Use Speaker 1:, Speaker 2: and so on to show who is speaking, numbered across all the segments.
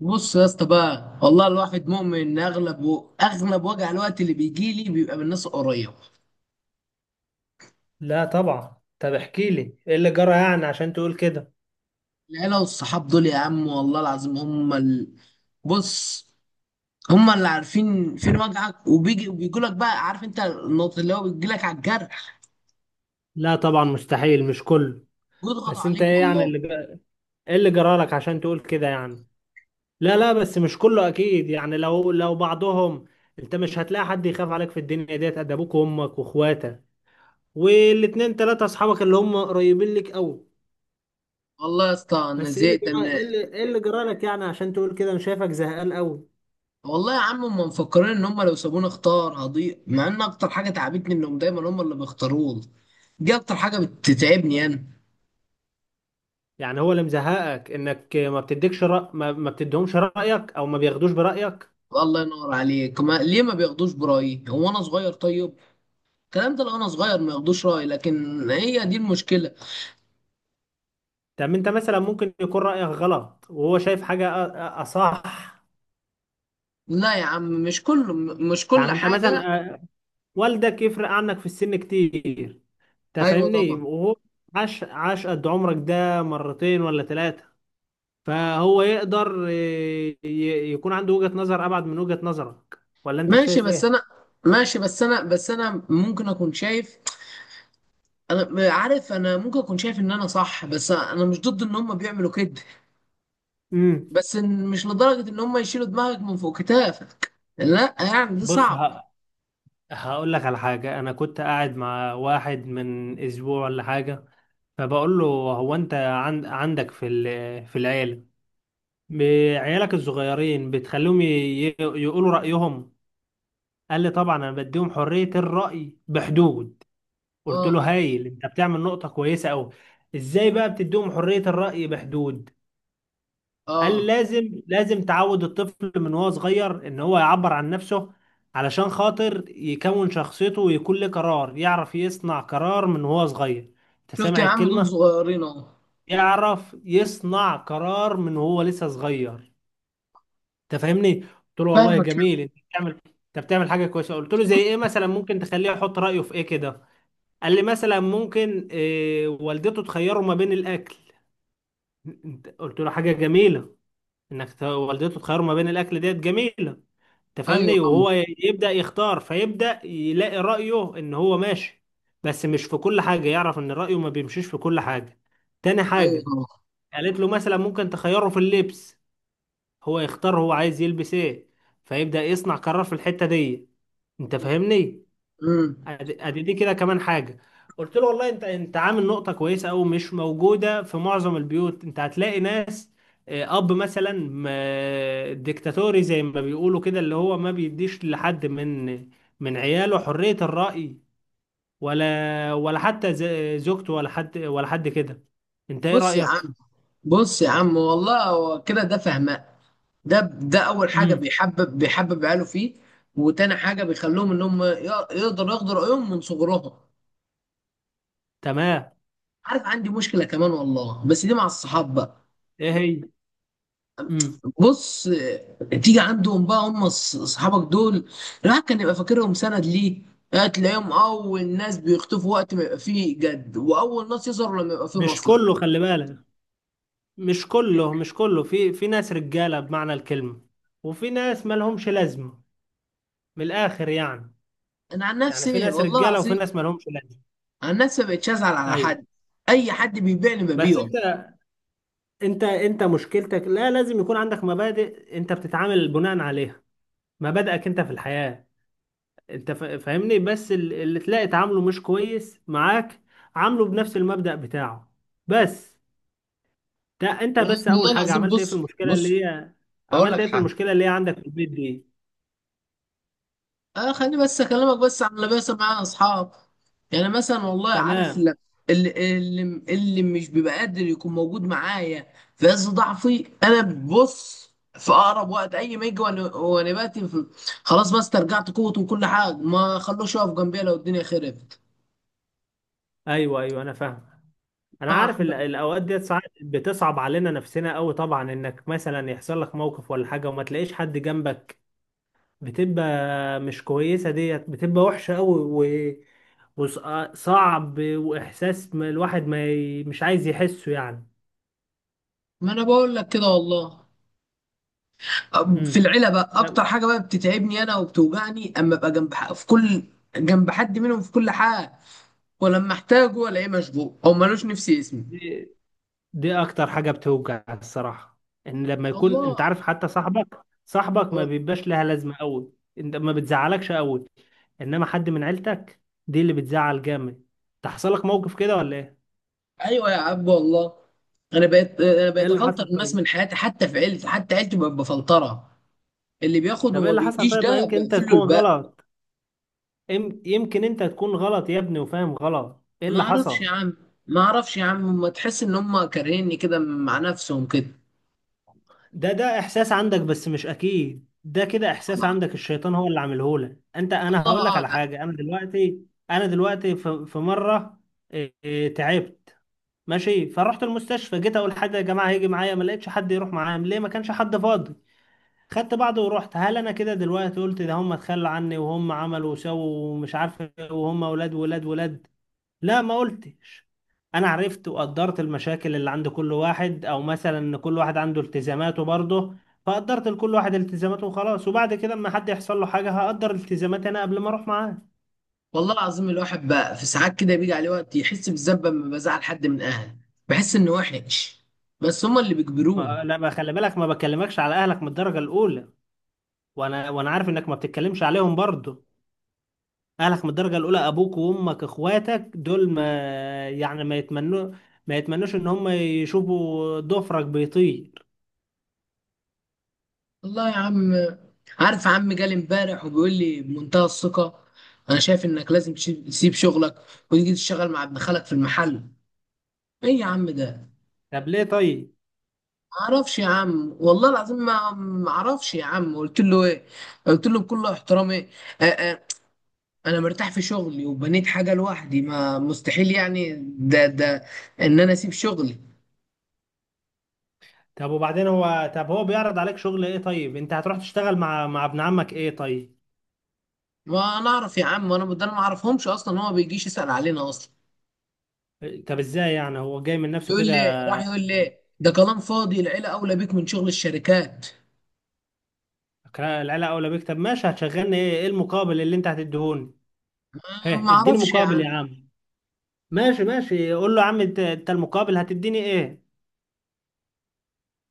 Speaker 1: بص يا اسطى بقى. والله الواحد مؤمن ان اغلب اغلب وجع الوقت اللي بيجي لي بيبقى من الناس القريبه.
Speaker 2: لا طبعا. طب احكي لي ايه اللي جرى يعني عشان تقول كده؟
Speaker 1: العيله والصحاب دول يا عم والله العظيم هم بص، هم اللي عارفين فين وجعك وبيجي وبيجوا لك. بقى عارف انت النقطه اللي هو بيجي لك على الجرح
Speaker 2: لا طبعا، مستحيل. مش كله.
Speaker 1: ويضغطوا
Speaker 2: بس انت
Speaker 1: عليك
Speaker 2: ايه يعني
Speaker 1: والله.
Speaker 2: اللي جرى؟ ايه اللي جرى لك عشان تقول كده يعني؟ لا لا، بس مش كله اكيد يعني، لو بعضهم. انت مش هتلاقي حد يخاف عليك في الدنيا ديت قد ابوك وامك واخواتك، والاتنين تلاتة اصحابك اللي هم قريبين لك قوي.
Speaker 1: والله يا اسطى انا
Speaker 2: بس ايه اللي
Speaker 1: زهقت
Speaker 2: جرى؟
Speaker 1: انا
Speaker 2: ايه اللي ايه اللي جرى لك يعني عشان تقول كده؟ انا شايفك زهقان قوي.
Speaker 1: والله يا عم هم مفكرين ان هم لو سابوني اختار هضيع، مع ان اكتر حاجه تعبتني انهم دايما هم اللي بيختاروني. دي اكتر حاجه بتتعبني انا.
Speaker 2: يعني هو اللي مزهقك انك ما بتديكش رأ... ما... ما بتديهمش رأيك، او ما بياخدوش برأيك؟
Speaker 1: الله ينور عليك. ما ليه ما بياخدوش برأيي؟ هو انا صغير طيب؟ الكلام ده لو انا صغير ما ياخدوش رأيي، لكن هي دي المشكلة.
Speaker 2: طب انت مثلا ممكن يكون رايك غلط، وهو شايف حاجه اصح.
Speaker 1: لا يا عم، مش كله، مش كل
Speaker 2: يعني انت
Speaker 1: حاجة.
Speaker 2: مثلا، والدك يفرق عنك في السن كتير. انت
Speaker 1: ايوه
Speaker 2: فاهمني؟
Speaker 1: طبعا.
Speaker 2: وهو عاش قد عمرك ده مرتين ولا ثلاثه.
Speaker 1: آه.
Speaker 2: فهو يقدر، يكون عنده وجهه نظر ابعد من وجهه نظرك. ولا انت
Speaker 1: ماشي
Speaker 2: شايف
Speaker 1: بس
Speaker 2: ايه؟
Speaker 1: انا، ماشي بس انا، بس انا ممكن اكون شايف. انا عارف انا ممكن اكون شايف ان انا صح، بس انا مش ضد ان هم بيعملوا كده.
Speaker 2: امم.
Speaker 1: بس إن- مش لدرجة ان هم يشيلوا دماغك من فوق كتافك. لا يعني دي
Speaker 2: بص
Speaker 1: صعب.
Speaker 2: ه- هقول لك على حاجه. انا كنت قاعد مع واحد من اسبوع ولا حاجه، فبقول له هو انت عندك في العيله، بعيالك الصغيرين بتخليهم يقولوا رأيهم؟ قال لي طبعا، انا بديهم حرية الرأي بحدود. قلت
Speaker 1: اه.
Speaker 2: له هايل، انت بتعمل نقطة كويسة قوي. ازاي بقى بتديهم حرية الرأي بحدود؟ قال لي
Speaker 1: اه.
Speaker 2: لازم تعود الطفل من وهو صغير ان هو يعبر عن نفسه، علشان خاطر يكون شخصيته، ويكون له قرار، يعرف يصنع قرار من وهو صغير. انت
Speaker 1: شفت يا
Speaker 2: سامع
Speaker 1: عم؟ دول
Speaker 2: الكلمة؟
Speaker 1: صغيرين اهو.
Speaker 2: يعرف يصنع قرار من وهو لسه صغير. انت فاهمني؟ قلت له والله
Speaker 1: فاهمك.
Speaker 2: جميل، انت بتعمل حاجه كويسه. قلت له زي ايه مثلا ممكن تخليه يحط رايه في ايه كده؟ قال لي مثلا، ممكن والدته تخيره ما بين الاكل. قلت له حاجه جميله، انك والدته تخيره ما بين الاكل، ديت جميله. انت
Speaker 1: ايوه
Speaker 2: فاهمني؟
Speaker 1: طبعا.
Speaker 2: وهو يبدا يختار، فيبدا يلاقي رايه ان هو ماشي. بس مش في كل حاجه، يعرف ان رايه ما بيمشيش في كل حاجه. تاني
Speaker 1: ايوه
Speaker 2: حاجه،
Speaker 1: طبعا.
Speaker 2: قالت له مثلا ممكن تخيره في اللبس. هو يختار، هو عايز يلبس ايه، فيبدأ يصنع قرار في الحتة دي. انت فاهمني؟
Speaker 1: امم.
Speaker 2: أدي دي كده كمان حاجة. قلت له والله انت عامل نقطة كويسة او مش موجودة في معظم البيوت. انت هتلاقي ناس، اب مثلا ديكتاتوري زي ما بيقولوا كده، اللي هو ما بيديش لحد من عياله حرية الرأي، ولا حتى زوجته، ولا حد ولا حد كده. انت ايه
Speaker 1: بص يا
Speaker 2: رأيك؟
Speaker 1: عم، بص يا عم والله هو كده ده فهماء. ده اول حاجه
Speaker 2: امم.
Speaker 1: بيحبب عياله فيه. وتاني حاجه بيخلوهم انهم يقدروا ياخدوا رايهم من صغرهم.
Speaker 2: تمام.
Speaker 1: عارف عندي مشكله كمان والله، بس دي مع الصحاب بقى.
Speaker 2: ايه هي؟ امم.
Speaker 1: بص آه، تيجي عندهم بقى هم صحابك دول الواحد كان يبقى فاكرهم سند ليه. آه، تلاقيهم اول ناس بيختفوا وقت ما يبقى فيه جد، واول ناس يظهروا لما يبقى فيه
Speaker 2: مش كله،
Speaker 1: مصلحه.
Speaker 2: خلي بالك، مش كله. في ناس رجالة بمعنى الكلمة، وفي ناس مالهمش لازمة. من الآخر يعني،
Speaker 1: انا عن
Speaker 2: يعني في
Speaker 1: نفسي
Speaker 2: ناس
Speaker 1: والله
Speaker 2: رجالة، وفي
Speaker 1: العظيم،
Speaker 2: ناس مالهمش لازمة.
Speaker 1: انا الناس ما بقتش ازعل على
Speaker 2: أيوة.
Speaker 1: حد. اي حد بيبيعني
Speaker 2: بس
Speaker 1: ببيعه.
Speaker 2: أنت أنت أنت مشكلتك لا، لازم يكون عندك مبادئ أنت بتتعامل بناء عليها. مبادئك أنت في الحياة. أنت فاهمني؟ بس اللي تلاقي تعامله مش كويس معاك، عامله بنفس المبدأ بتاعه بس. ده أنت بس،
Speaker 1: والله
Speaker 2: أول حاجة
Speaker 1: العظيم. بص، بص. اقول
Speaker 2: عملت
Speaker 1: لك
Speaker 2: إيه في
Speaker 1: حاجه،
Speaker 2: المشكلة اللي هي عندك في البيت دي؟
Speaker 1: اه خليني بس اكلمك بس عن اللي بيحصل معايا اصحاب. يعني مثلا والله عارف
Speaker 2: تمام.
Speaker 1: اللي اللي اللي مش بيبقى قادر يكون موجود معايا في عز ضعفي، انا ببص في اقرب وقت اي ما يجي وأنا خلاص بس استرجعت قوتي وكل حاجه، ما خلوش يقف جنبي لو الدنيا خربت.
Speaker 2: ايوه ايوه، انا فاهم. انا
Speaker 1: ما.
Speaker 2: عارف الاوقات ديت ساعات بتصعب علينا نفسنا قوي طبعا، انك مثلا يحصل لك موقف ولا حاجه وما تلاقيش حد جنبك، بتبقى مش كويسه. ديت بتبقى وحشه قوي وصعب، واحساس ما الواحد ما ي... مش عايز يحسه يعني.
Speaker 1: ما انا بقول لك كده والله. في
Speaker 2: امم.
Speaker 1: العيله بقى اكتر حاجه بقى بتتعبني انا وبتوجعني اما ابقى جنب حد منهم في كل حاجه، ولما احتاجه الاقيه مشغول او ملوش نفس اسمي.
Speaker 2: دي دي اكتر حاجه بتوجع الصراحه، ان لما يكون
Speaker 1: الله.
Speaker 2: انت عارف حتى صاحبك ما
Speaker 1: آه.
Speaker 2: بيبقاش لها لازمه قوي، انت ما بتزعلكش قوي. انما حد من عيلتك، دي اللي بتزعل جامد. تحصل لك موقف كده ولا ايه؟
Speaker 1: ايوه يا عبد والله. انا بقيت انا
Speaker 2: ايه
Speaker 1: بقيت
Speaker 2: اللي
Speaker 1: افلتر
Speaker 2: حصل
Speaker 1: الناس
Speaker 2: طيب؟
Speaker 1: من حياتي، حتى في عيلتي، حتى عيلتي بقت بفلترها. اللي بياخد
Speaker 2: طب ايه
Speaker 1: وما
Speaker 2: اللي حصل
Speaker 1: بيديش
Speaker 2: طيب؟
Speaker 1: ده
Speaker 2: ما يمكن انت
Speaker 1: بقفل له
Speaker 2: تكون
Speaker 1: الباب.
Speaker 2: غلط. يمكن انت تكون غلط يا ابني وفاهم غلط. ايه
Speaker 1: ما
Speaker 2: اللي
Speaker 1: اعرفش يا
Speaker 2: حصل؟
Speaker 1: عم. ما اعرفش يا عم. ما تحس ان هم كارهيني كده مع نفسهم كده.
Speaker 2: ده احساس عندك بس مش اكيد ده كده، احساس عندك الشيطان هو اللي عامله لك انت. انا
Speaker 1: الله
Speaker 2: هقول لك على
Speaker 1: اعلم.
Speaker 2: حاجه، انا دلوقتي في مره، إيه إيه، تعبت. ماشي فرحت المستشفى، جيت اقول حد يا جماعه هيجي معايا، ما لقيتش حد يروح معايا. ليه؟ ما كانش حد فاضي. خدت بعضه ورحت. هل انا كده دلوقتي قلت ده هم اتخلوا عني وهم عملوا وسووا ومش عارف إيه، وهم ولاد ولاد ولاد؟ لا ما قلتش. انا عرفت وقدرت المشاكل اللي عند كل واحد، او مثلا ان كل واحد عنده التزاماته برضه. فقدرت لكل واحد التزاماته وخلاص. وبعد كده اما حد يحصل له حاجه، هقدر التزاماتي انا قبل ما اروح معاه.
Speaker 1: والله العظيم الواحد بقى في ساعات كده بيجي عليه وقت يحس بالذنب لما بزعل حد من اهله، بحس انه وحش. بس هما اللي بيجبروني.
Speaker 2: لا ما، خلي بالك، ما بكلمكش على اهلك من الدرجه الاولى. وانا عارف انك ما بتتكلمش عليهم برضه. أهلك من الدرجة الأولى، أبوك وأمك إخواتك دول، ما يعني، ما يتمنوش إن هم يشوفوا ضفرك بيطير.
Speaker 1: والله يا عم. عارف عم جالي امبارح وبيقول لي بمنتهى الثقة: انا شايف انك لازم تسيب شغلك وتيجي تشتغل مع ابن خالك في المحل. ايه يا عم ده؟
Speaker 2: طب ليه طيب؟
Speaker 1: معرفش يا عم والله العظيم، ما معرفش يا عم. قلت له ايه؟ قلت له بكل احترامي، انا مرتاح في شغلي وبنيت حاجه لوحدي. ما مستحيل يعني ده ان انا اسيب شغلي.
Speaker 2: طب وبعدين هو، طب هو بيعرض عليك شغل إيه طيب؟ أنت هتروح تشتغل مع ابن عمك إيه طيب؟
Speaker 1: وانا اعرف يا عم انا ده؟ انا ما اعرفهمش اصلا، هو ما بيجيش يسال علينا اصلا.
Speaker 2: طب إزاي يعني هو جاي من نفسه
Speaker 1: يقول
Speaker 2: كده؟
Speaker 1: لي، راح يقول لي ده كلام فاضي، العيله اولى بيك من شغل الشركات.
Speaker 2: العيلة أولى بيك. طب ماشي، هتشغلني إيه؟ إيه المقابل اللي أنت هتديهوني؟
Speaker 1: أنا
Speaker 2: هه،
Speaker 1: ما
Speaker 2: إديني
Speaker 1: اعرفش يا
Speaker 2: مقابل
Speaker 1: عم.
Speaker 2: يا عم. ماشي ماشي، قول له يا عم أنت المقابل هتديني إيه؟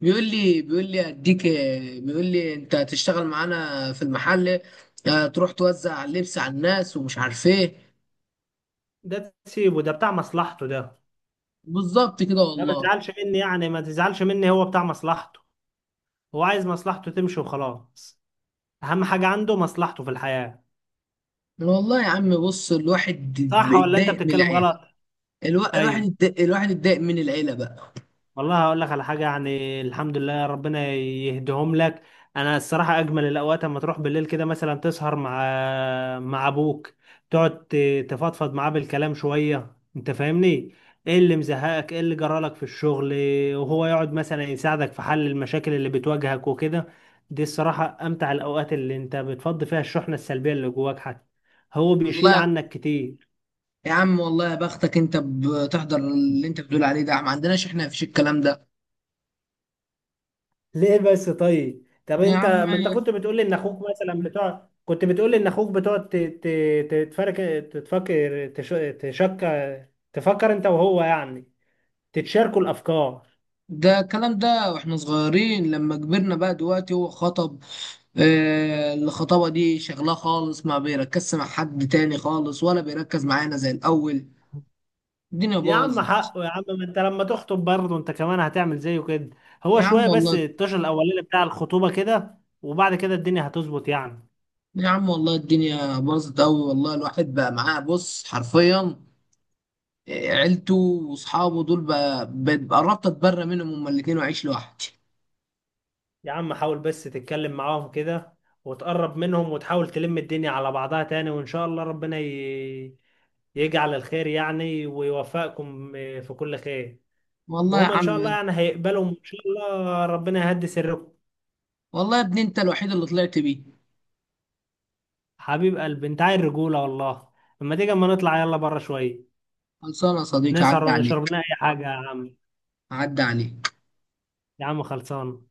Speaker 1: بيقول لي اديك، بيقول لي انت هتشتغل معانا في المحل، آه، تروح توزع اللبس على الناس ومش عارف ايه.
Speaker 2: ده تسيبه ده، بتاع مصلحته ده.
Speaker 1: بالظبط كده
Speaker 2: لا ما
Speaker 1: والله.
Speaker 2: تزعلش مني، يعني ما تزعلش مني، هو بتاع مصلحته. هو عايز مصلحته تمشي وخلاص. اهم حاجة عنده مصلحته في الحياة.
Speaker 1: والله يا عم بص، الواحد
Speaker 2: صح ولا انت
Speaker 1: بيتضايق من
Speaker 2: بتتكلم
Speaker 1: العيال.
Speaker 2: غلط؟ ايوه.
Speaker 1: الواحد اتضايق من العيله بقى.
Speaker 2: والله هقول لك على حاجة، يعني الحمد لله ربنا يهديهم لك. أنا الصراحة أجمل الأوقات أما تروح بالليل كده مثلا، تسهر مع أبوك، تقعد تفضفض معاه بالكلام شوية. أنت فاهمني؟ إيه اللي مزهقك؟ إيه اللي جرالك في الشغل؟ وهو يقعد مثلا يساعدك في حل المشاكل اللي بتواجهك وكده. دي الصراحة أمتع الأوقات، اللي أنت بتفضي فيها الشحنة السلبية اللي جواك. حتى هو بيشيل
Speaker 1: والله
Speaker 2: عنك كتير.
Speaker 1: يا عم. والله يا بختك، انت بتحضر اللي انت بتقول عليه ده، ما عندناش احنا فيش الكلام ده
Speaker 2: ليه بس طيب؟ طب
Speaker 1: يا
Speaker 2: انت،
Speaker 1: عم.
Speaker 2: ما انت كنت بتقول لي ان اخوك بتقعد تتفرك، تتفكر تش... تشك، تفكر انت وهو يعني، تتشاركوا الافكار.
Speaker 1: ده الكلام ده واحنا صغيرين، لما كبرنا بقى دلوقتي هو خطب. آه الخطابه دي شغلاه خالص، ما بيركزش مع حد تاني خالص، ولا بيركز معانا زي الاول. الدنيا
Speaker 2: يا عم
Speaker 1: باظت
Speaker 2: حقه، يا عم ما انت لما تخطب برضه انت كمان هتعمل زيه كده. هو
Speaker 1: يا عم
Speaker 2: شويه بس
Speaker 1: والله.
Speaker 2: الطشة الاولاني بتاع الخطوبه كده، وبعد كده الدنيا هتظبط يعني.
Speaker 1: يا عم والله الدنيا باظت قوي والله. الواحد بقى معاه بص حرفيا عيلته واصحابه دول، قربت اتبرى منهم هما الاتنين واعيش لوحدي.
Speaker 2: يا عم حاول بس تتكلم معاهم كده، وتقرب منهم، وتحاول تلم الدنيا على بعضها تاني. وإن شاء الله ربنا يجعل الخير يعني، ويوفقكم، في كل خير.
Speaker 1: والله يا
Speaker 2: وهم إن شاء الله
Speaker 1: عم.
Speaker 2: يعني هيقبلوا، وإن شاء الله ربنا يهدي سركم.
Speaker 1: والله يا ابني انت الوحيد اللي طلعت بيه.
Speaker 2: حبيب قلبي أنت، عايل رجولة والله. أما نطلع يلا بره شوية،
Speaker 1: خلصانه يا صديقي،
Speaker 2: نسهر
Speaker 1: عدى عليك،
Speaker 2: ونشرب لنا أي حاجة يا عم.
Speaker 1: عدى عليك.
Speaker 2: يا عم خلصان.